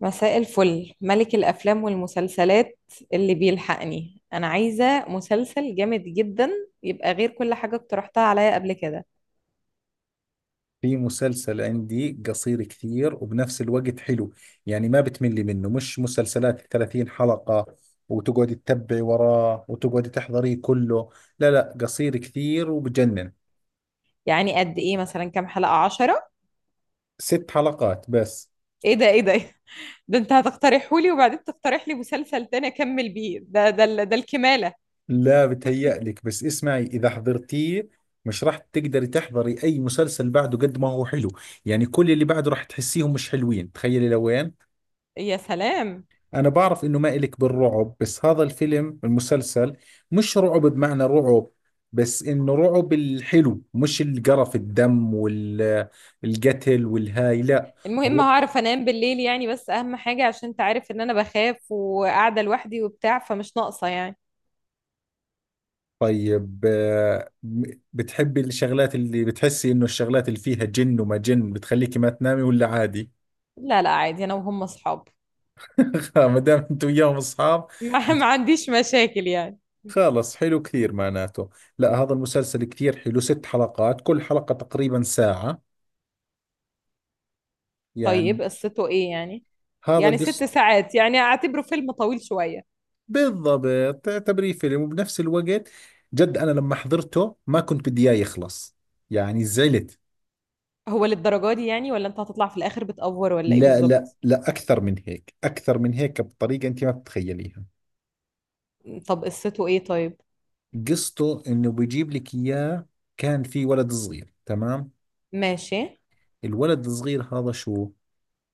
مساء الفل ملك الأفلام والمسلسلات اللي بيلحقني، أنا عايزة مسلسل جامد جدا يبقى غير كل حاجة اقترحتها عليا قبل كده. في مسلسل عندي قصير كثير وبنفس الوقت حلو، يعني ما بتملي منه. مش مسلسلات 30 حلقة وتقعدي تتبعي وراه وتقعدي تحضريه كله. لا، قصير كثير وبجنن. يعني قد إيه مثلا؟ كام حلقة؟ عشرة؟ ست حلقات بس. إيه ده؟ إيه ده؟ ده أنت هتقترحهولي وبعدين تقترح لي مسلسل تاني أكمل بيه ده الكمالة. لا بتهيألك، بس اسمعي إذا حضرتيه مش راح تقدري تحضري أي مسلسل بعده قد ما هو حلو. يعني كل اللي بعده راح تحسيهم مش حلوين، تخيلي لوين. يا سلام. أنا بعرف إنه ما إلك بالرعب، بس هذا الفيلم المسلسل مش رعب بمعنى رعب، بس إنه رعب الحلو، مش القرف الدم والقتل والهاي، لا. المهم رعب. هعرف أنام بالليل يعني، بس أهم حاجة عشان أنت عارف إن أنا بخاف وقاعدة لوحدي وبتاع، فمش ناقصة يعني. طيب آه، بتحبي الشغلات اللي بتحسي إنه الشغلات اللي فيها جن وما جن بتخليكي ما تنامي، ولا عادي؟ لا لا، عادي، أنا وهم أصحاب. ما دام أنت وياهم أصحاب، ما عنديش مشاكل يعني. خلص حلو كثير معناته. لا هذا المسلسل كثير حلو، ست حلقات كل حلقة تقريبا ساعة يعني. طيب قصته ايه يعني؟ هذا يعني قصة. ست ساعات، يعني اعتبره فيلم طويل شوية. بالضبط، تعتبريه فيلم وبنفس الوقت جد. أنا لما حضرته ما كنت بدي إياه يخلص، يعني زعلت. هو للدرجة دي يعني؟ ولا انت هتطلع في الاخر بتأفور ولا ايه لا لا بالظبط؟ لا أكثر من هيك، أكثر من هيك بطريقة أنت ما بتتخيليها. طب قصته ايه طيب؟ قصته إنه بيجيب لك إياه، كان في ولد صغير، تمام؟ ماشي. الولد الصغير هذا شو،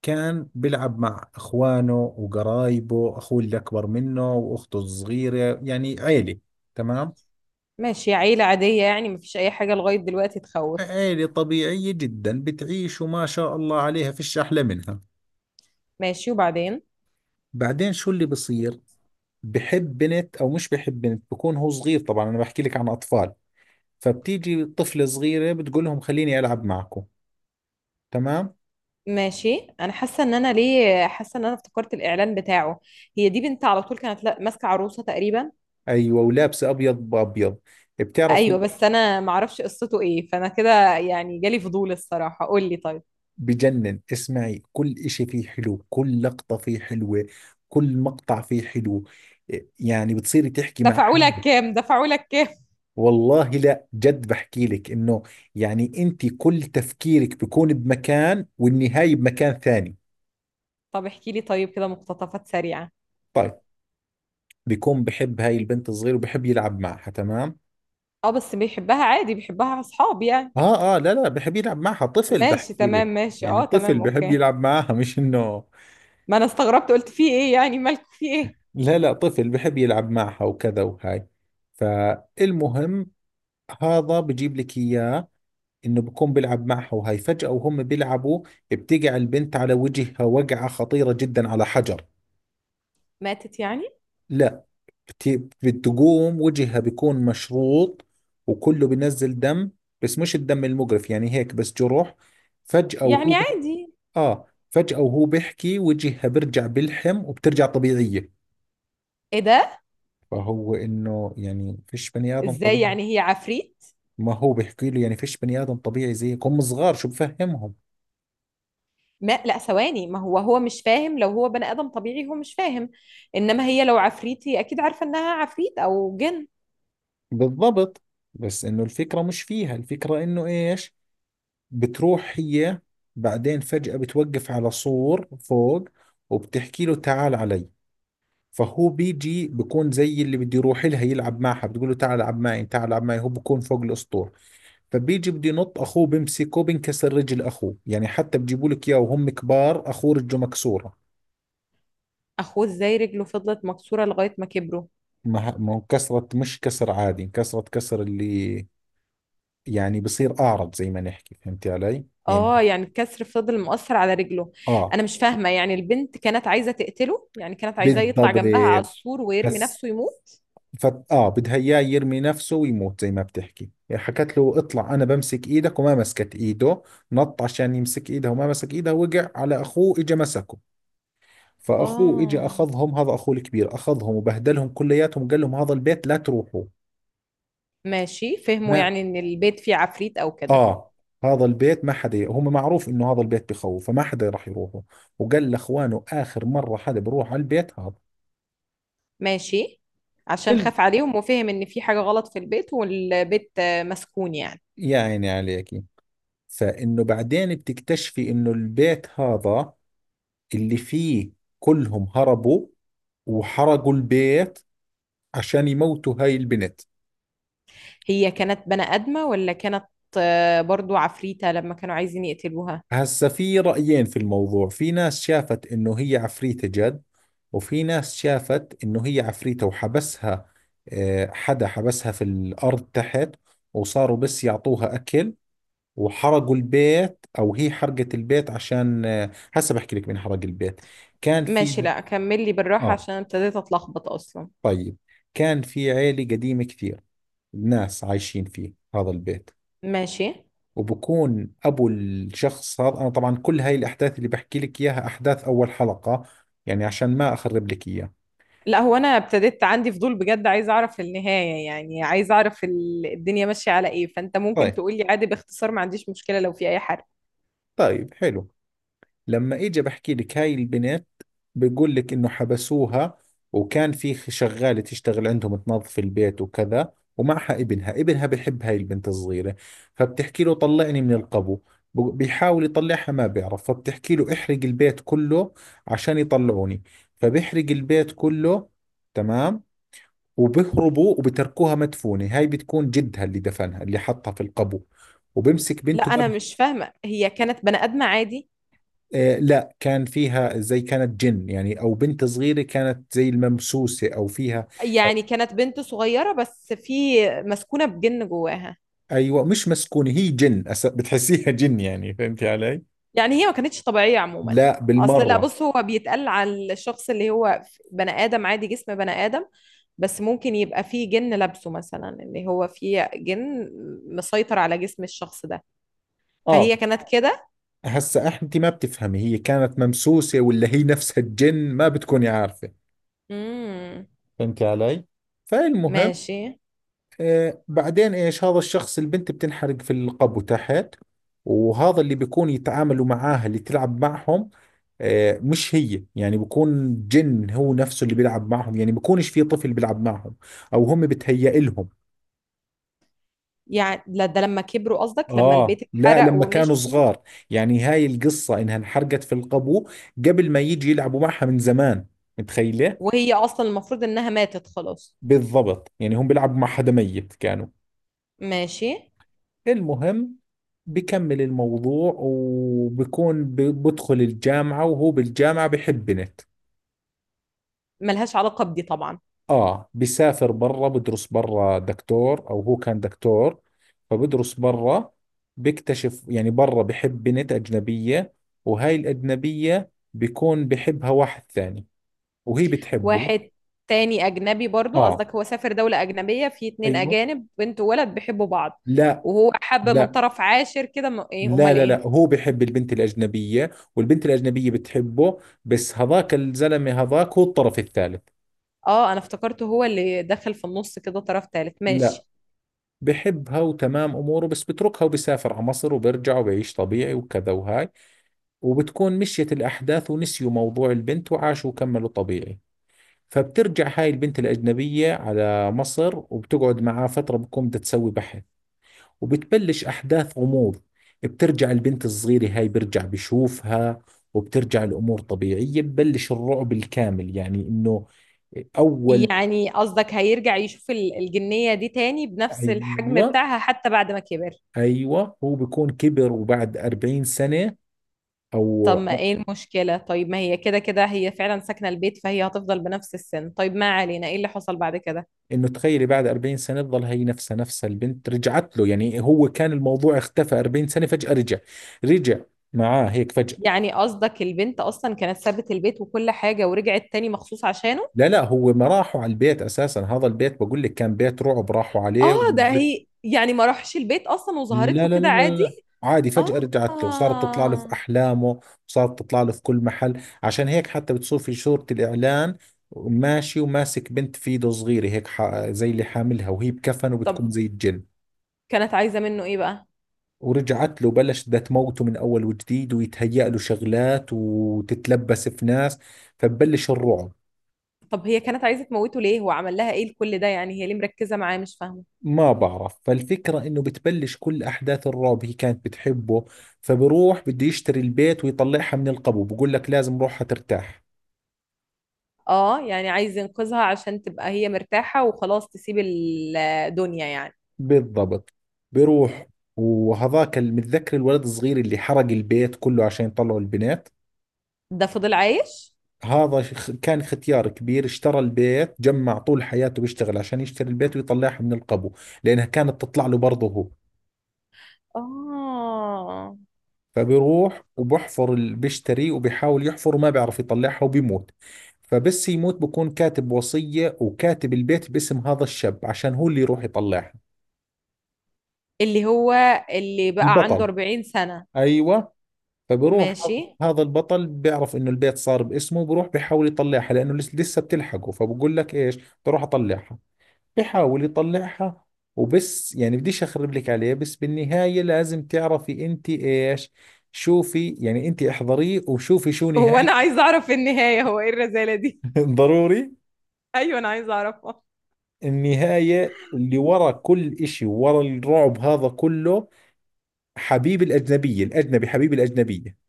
كان بيلعب مع إخوانه وقرايبه، أخوه اللي أكبر منه وأخته الصغيرة، يعني عيلة، تمام؟ ماشي، عيلة عادية يعني، مفيش اي حاجة لغاية دلوقتي تخوف. عيلة طبيعية جدا بتعيش وما شاء الله عليها فيش أحلى منها. ماشي، وبعدين؟ بعدين شو اللي بصير، بحب بنت او مش بحب بنت، بكون هو صغير طبعا، انا بحكي لك عن اطفال. فبتيجي طفلة صغيرة بتقول لهم خليني العب معكم، تمام؟ ماشي، انا حاسة ان انا، ليه حاسة ان انا افتكرت الاعلان بتاعه، هي دي بنت على طول كانت ماسكة عروسة تقريبا. ايوه، ولابسة ابيض بابيض، ايوه، بتعرفي. بس انا معرفش قصته ايه، فانا كده يعني جالي فضول الصراحة، قول لي طيب. بجنن، اسمعي كل اشي فيه حلو، كل لقطة فيه حلوة، كل مقطع فيه حلو، يعني بتصيري تحكي مع دفعوا حالك. لك كام؟ دفعوا لك؟ والله لا جد بحكي لك انه يعني انت كل تفكيرك بكون بمكان والنهاية بمكان ثاني. طب احكي لي طيب، كده مقتطفات سريعة. طيب، بيكون بحب هاي البنت الصغيرة وبحب يلعب معها، تمام؟ اه، بس بيحبها عادي؟ بيحبها اصحاب يعني؟ اه، لا بحب يلعب معها طفل، ماشي، بحكي تمام، لك. ماشي، يعني اه طفل تمام، بحب اوكي. يلعب معها، مش انه. ما انا استغربت، قلت في ايه يعني؟ مالكوا في ايه؟ لا طفل بحب يلعب معها وكذا وهاي. فالمهم، هذا بجيب لك اياه، انه بكون بيلعب معها وهاي، فجأة وهم بيلعبوا بتقع البنت على وجهها وقعة خطيرة جدا على حجر. ماتت يعني؟ لا، كتير بتقوم وجهها بيكون مشروط وكله بينزل دم، بس مش الدم المجرف، يعني هيك بس جروح. فجأة وهو يعني بح... عادي. اه، فجأة وهو بيحكي وجهها بيرجع بيلحم وبترجع طبيعية. ايه ده؟ فهو انه يعني فيش بني ادم ازاي طبيعي. يعني؟ هي عفريت؟ ما هو بيحكي له يعني فيش بني ادم طبيعي زيك، هم صغار شو بفهمهم. ما لا ثواني، ما هو مش فاهم، لو هو بني ادم طبيعي هو مش فاهم، انما هي لو عفريتي اكيد عارفة انها عفريت او جن. بالضبط، بس انه الفكرة مش فيها، الفكرة انه ايش، بتروح هي بعدين فجأة بتوقف على سور فوق وبتحكي له تعال علي. فهو بيجي، بكون زي اللي بده يروح لها يلعب معها، بتقول له تعال العب معي تعال العب معي. هو بكون فوق الاسطول، فبيجي بده ينط، اخوه بمسكه، بنكسر رجل اخوه. يعني حتى بجيبوا لك اياه وهم كبار، اخوه رجله مكسوره. اخوه ازاي رجله فضلت مكسورة لغاية ما كبروا؟ ما هو كسرت، مش كسر عادي، كسرت كسر اللي يعني بصير اعرج زي ما نحكي، فهمتي علي اه، يعني. يعني الكسر فضل مؤثر على رجله. اه أيوة. انا مش فاهمه يعني، البنت كانت عايزه تقتله يعني؟ كانت عايزاه يطلع بالضبط. جنبها على السور ويرمي بس نفسه يموت؟ ف... اه بدها اياه يرمي نفسه ويموت. زي ما بتحكي، حكت له اطلع انا بمسك ايدك، وما مسكت ايده. نط عشان يمسك ايدها وما مسك ايدها، وقع على اخوه، اجى مسكه. فاخوه اجى اه. اخذهم، هذا اخوه الكبير، اخذهم وبهدلهم كلياتهم وقال لهم هذا البيت لا تروحوا. ماشي، فهموا ما، يعني ان البيت فيه عفريت او كده. اه، هذا البيت ما حدا هم، معروف انه هذا البيت بخوف، فما حدا راح يروحوا. وقال لاخوانه اخر مره حدا بروح على البيت هذا. ماشي، عشان إلا- خاف عليهم وفهم ان في حاجه غلط في البيت، والبيت مسكون يعني. يا عيني عليكي. فانه بعدين بتكتشفي انه البيت هذا اللي فيه، كلهم هربوا وحرقوا البيت عشان يموتوا هاي البنت. هي كانت بني ادمه ولا كانت برضو عفريته لما كانوا عايزين يقتلوها؟ هسا في رأيين في الموضوع، في ناس شافت انه هي عفريتة جد، وفي ناس شافت انه هي عفريتة وحبسها. آه، حدا حبسها في الأرض تحت، وصاروا بس يعطوها أكل، وحرقوا البيت أو هي حرقت البيت عشان، آه، هسا بحكي لك مين حرق البيت. كان ماشي، في. لا كمل لي بالراحه آه، عشان ابتديت اتلخبط اصلا. طيب، كان في عيلة قديمة كثير، ناس عايشين فيه هذا البيت، ماشي، وبكون ابو الشخص هذا. انا طبعا كل هاي الاحداث اللي بحكي لك اياها احداث اول حلقة، يعني عشان ما اخرب لك اياها. لا هو انا ابتديت عندي فضول بجد، عايزه اعرف النهايه يعني، عايزه اعرف الدنيا ماشيه على ايه، فانت ممكن طيب، تقولي عادي باختصار، ما عنديش مشكله لو في اي حرق. طيب حلو. لما اجي بحكي لك هاي البنت، بقول لك انه حبسوها، وكان في شغالة تشتغل عندهم تنظف البيت وكذا، ومعها ابنها. ابنها بحب هاي البنت الصغيرة، فبتحكي له طلعني من القبو. بيحاول يطلعها، ما بيعرف. فبتحكي له احرق البيت كله عشان يطلعوني، فبيحرق البيت كله، تمام. وبيهربوا وبتركوها مدفونة. هاي بتكون جدها اللي دفنها، اللي حطها في القبو وبمسك لا، بنته انا هذه. مش فاهمه، هي كانت بني ادمه عادي؟ آه لا، كان فيها زي، كانت جن يعني، أو بنت صغيرة كانت زي الممسوسة، أو فيها، أو، يعني كانت بنت صغيره بس في مسكونه بجن جواها؟ أيوة مش مسكونة، هي جن. بتحسيها جن يعني، فهمتي علي؟ يعني هي ما كانتش طبيعيه عموما. لا اصل لا بالمرة. بص، هو بيتقال على الشخص اللي هو بني ادم عادي، جسم بني ادم، بس ممكن يبقى فيه جن لابسه مثلا، اللي هو فيه جن مسيطر على جسم الشخص ده، آه، فهي كانت كده. هسا أنت ما بتفهمي هي كانت ممسوسة ولا هي نفسها الجن، ما بتكوني عارفة. امم. فهمتي علي؟ فالمهم، ماشي. آه، بعدين ايش، هذا الشخص، البنت بتنحرق في القبو تحت، وهذا اللي بيكون يتعاملوا معاها اللي تلعب معهم، آه مش هي، يعني بيكون جن هو نفسه اللي بيلعب معهم، يعني بيكونش في طفل بيلعب معهم، او هم بتهيأ لهم. يعني لا ده لما كبروا قصدك، لما اه البيت لا اتحرق لما كانوا ومشيوا، صغار، يعني هاي القصة انها انحرقت في القبو قبل ما يجي يلعبوا معها من زمان، متخيلة؟ وهي اصلا المفروض انها ماتت خلاص. بالضبط، يعني هم بيلعبوا مع حدا ميت كانوا. ماشي. المهم، بكمل الموضوع، وبكون بدخل الجامعة، وهو بالجامعة بحب بنت. ملهاش علاقة بدي طبعا. آه، بسافر برا، بدرس برا، دكتور أو هو كان دكتور، فبدرس برا، بكتشف يعني برا بحب بنت أجنبية، وهاي الأجنبية بكون بحبها واحد ثاني، وهي بتحبه. واحد تاني اجنبي برضو آه، قصدك؟ هو سافر دولة اجنبية في اتنين أيوه. اجانب بنت وولد بيحبوا بعض؟ لا وهو حب من لا طرف عاشر كده ايه؟ لا امال لا ايه؟ لا، هو بحب البنت الأجنبية، والبنت الأجنبية بتحبه، بس هذاك الزلمة هذاك هو الطرف الثالث. اه، انا افتكرته هو اللي دخل في النص كده طرف تالت، لا، ماشي. بحبها وتمام اموره، بس بتركها وبسافر على مصر وبرجع وبعيش طبيعي وكذا وهاي. وبتكون مشيت الاحداث ونسيوا موضوع البنت وعاشوا وكملوا طبيعي. فبترجع هاي البنت الاجنبيه على مصر وبتقعد معاه فتره، بتكون بدها تسوي بحث، وبتبلش احداث غموض، بترجع البنت الصغيره هاي، برجع بشوفها، وبترجع الامور طبيعيه، ببلش الرعب الكامل يعني انه اول. يعني قصدك هيرجع يشوف الجنية دي تاني بنفس الحجم ايوه، بتاعها حتى بعد ما كبر؟ ايوه، هو بيكون كبر وبعد 40 سنه، او طب ما ايه المشكلة؟ طيب ما هي كده كده هي فعلا ساكنة البيت، فهي هتفضل بنفس السن، طيب ما علينا، ايه اللي حصل بعد كده؟ انه تخيلي بعد 40 سنه تظل هي نفسها نفسها. البنت رجعت له، يعني هو كان الموضوع اختفى 40 سنه، فجاه رجع، رجع معاه هيك فجاه. يعني قصدك البنت اصلا كانت سابت البيت وكل حاجة ورجعت تاني مخصوص عشانه؟ لا لا، هو ما راحوا على البيت اساسا، هذا البيت بقول لك كان بيت رعب، راحوا عليه اه ده هي يعني ما راحش البيت اصلا وظهرت لا له لا لا كده لا عادي؟ لا عادي فجاه رجعت له، وصارت تطلع له في اه. احلامه، وصارت تطلع له في كل محل، عشان هيك حتى بتصير في صوره الاعلان ماشي، وماسك بنت في ايده صغيره هيك، زي اللي حاملها وهي بكفن وبتكون طب زي الجن. كانت عايزة منه ايه بقى؟ ورجعت له بلش بدها تموته من اول وجديد، ويتهيأ له شغلات وتتلبس في ناس، فببلش الرعب. طب هي كانت عايزة تموته ليه؟ هو عمل لها ايه لكل ده يعني؟ هي ليه مركزة معاه؟ مش فاهمة. ما بعرف، فالفكرة انه بتبلش كل احداث الرعب. هي كانت بتحبه، فبروح بده يشتري البيت ويطلعها من القبو، بقول لك لازم روحها ترتاح. اه، يعني عايز ينقذها عشان تبقى هي مرتاحة وخلاص تسيب الدنيا يعني؟ بالضبط. بروح، وهذاك متذكر الولد الصغير اللي حرق البيت كله عشان يطلعوا البنات، ده فضل عايش؟ هذا كان ختيار كبير، اشترى البيت، جمع طول حياته بيشتغل عشان يشتري البيت ويطلعها من القبو، لأنها كانت تطلع له برضه هو. آه، فبيروح وبحفر، بيشتري وبيحاول يحفر وما بيعرف يطلعها وبيموت. فبس يموت بكون كاتب وصية وكاتب البيت باسم هذا الشاب عشان هو اللي يروح يطلعها. اللي هو اللي بقى عنده البطل، 40 سنة؟ أيوة. فبروح هذا، ماشي. هذا البطل بيعرف انه البيت صار باسمه، وبروح بيحاول يطلعها لانه لسه بتلحقه. فبقول لك ايش، بروح اطلعها، بحاول يطلعها، وبس، يعني بديش اخرب لك عليه، بس بالنهاية لازم تعرفي انت ايش. شوفي يعني، انت احضريه وشوفي شو هو أنا نهاية. عايزة أعرف النهاية، هو إيه الرزالة دي؟ ضروري. أيوة أنا عايزة أعرفها. النهاية اللي ورا كل اشي، ورا الرعب هذا كله، حبيب الاجنبية، الاجنبي حبيب الاجنبية.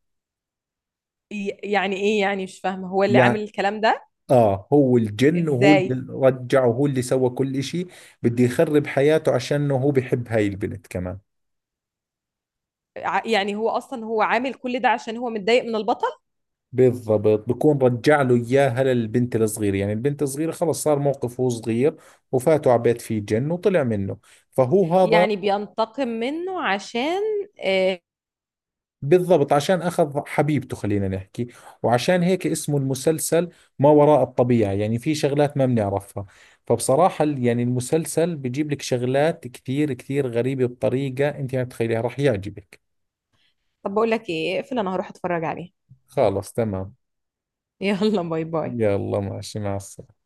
يعني إيه يعني مش فاهمة، هو اللي عامل يعني الكلام ده؟ اه، هو الجن، وهو إزاي؟ اللي رجع، وهو اللي سوى كل اشي. بده يخرب حياته عشان هو بحب هاي البنت كمان. يعني هو أصلا هو عامل كل ده عشان هو متضايق من البطل؟ بالضبط، بكون رجع له اياها للبنت الصغيره، يعني البنت الصغيره خلص صار موقف، هو صغير وفاته على بيت فيه جن وطلع منه، فهو هذا. يعني بينتقم منه عشان آه. بالضبط، عشان اخذ حبيبته خلينا نحكي. وعشان هيك اسمه المسلسل ما وراء الطبيعه، يعني في شغلات ما بنعرفها. فبصراحه يعني المسلسل بجيب لك شغلات كثير كثير غريبه بطريقه انت ما بتتخيليها، راح يعجبك. طب بقول لك إيه، اقفل أنا هروح أتفرج عليه. خلص تمام. يلا باي باي. يلا ماشي، مع السلامه.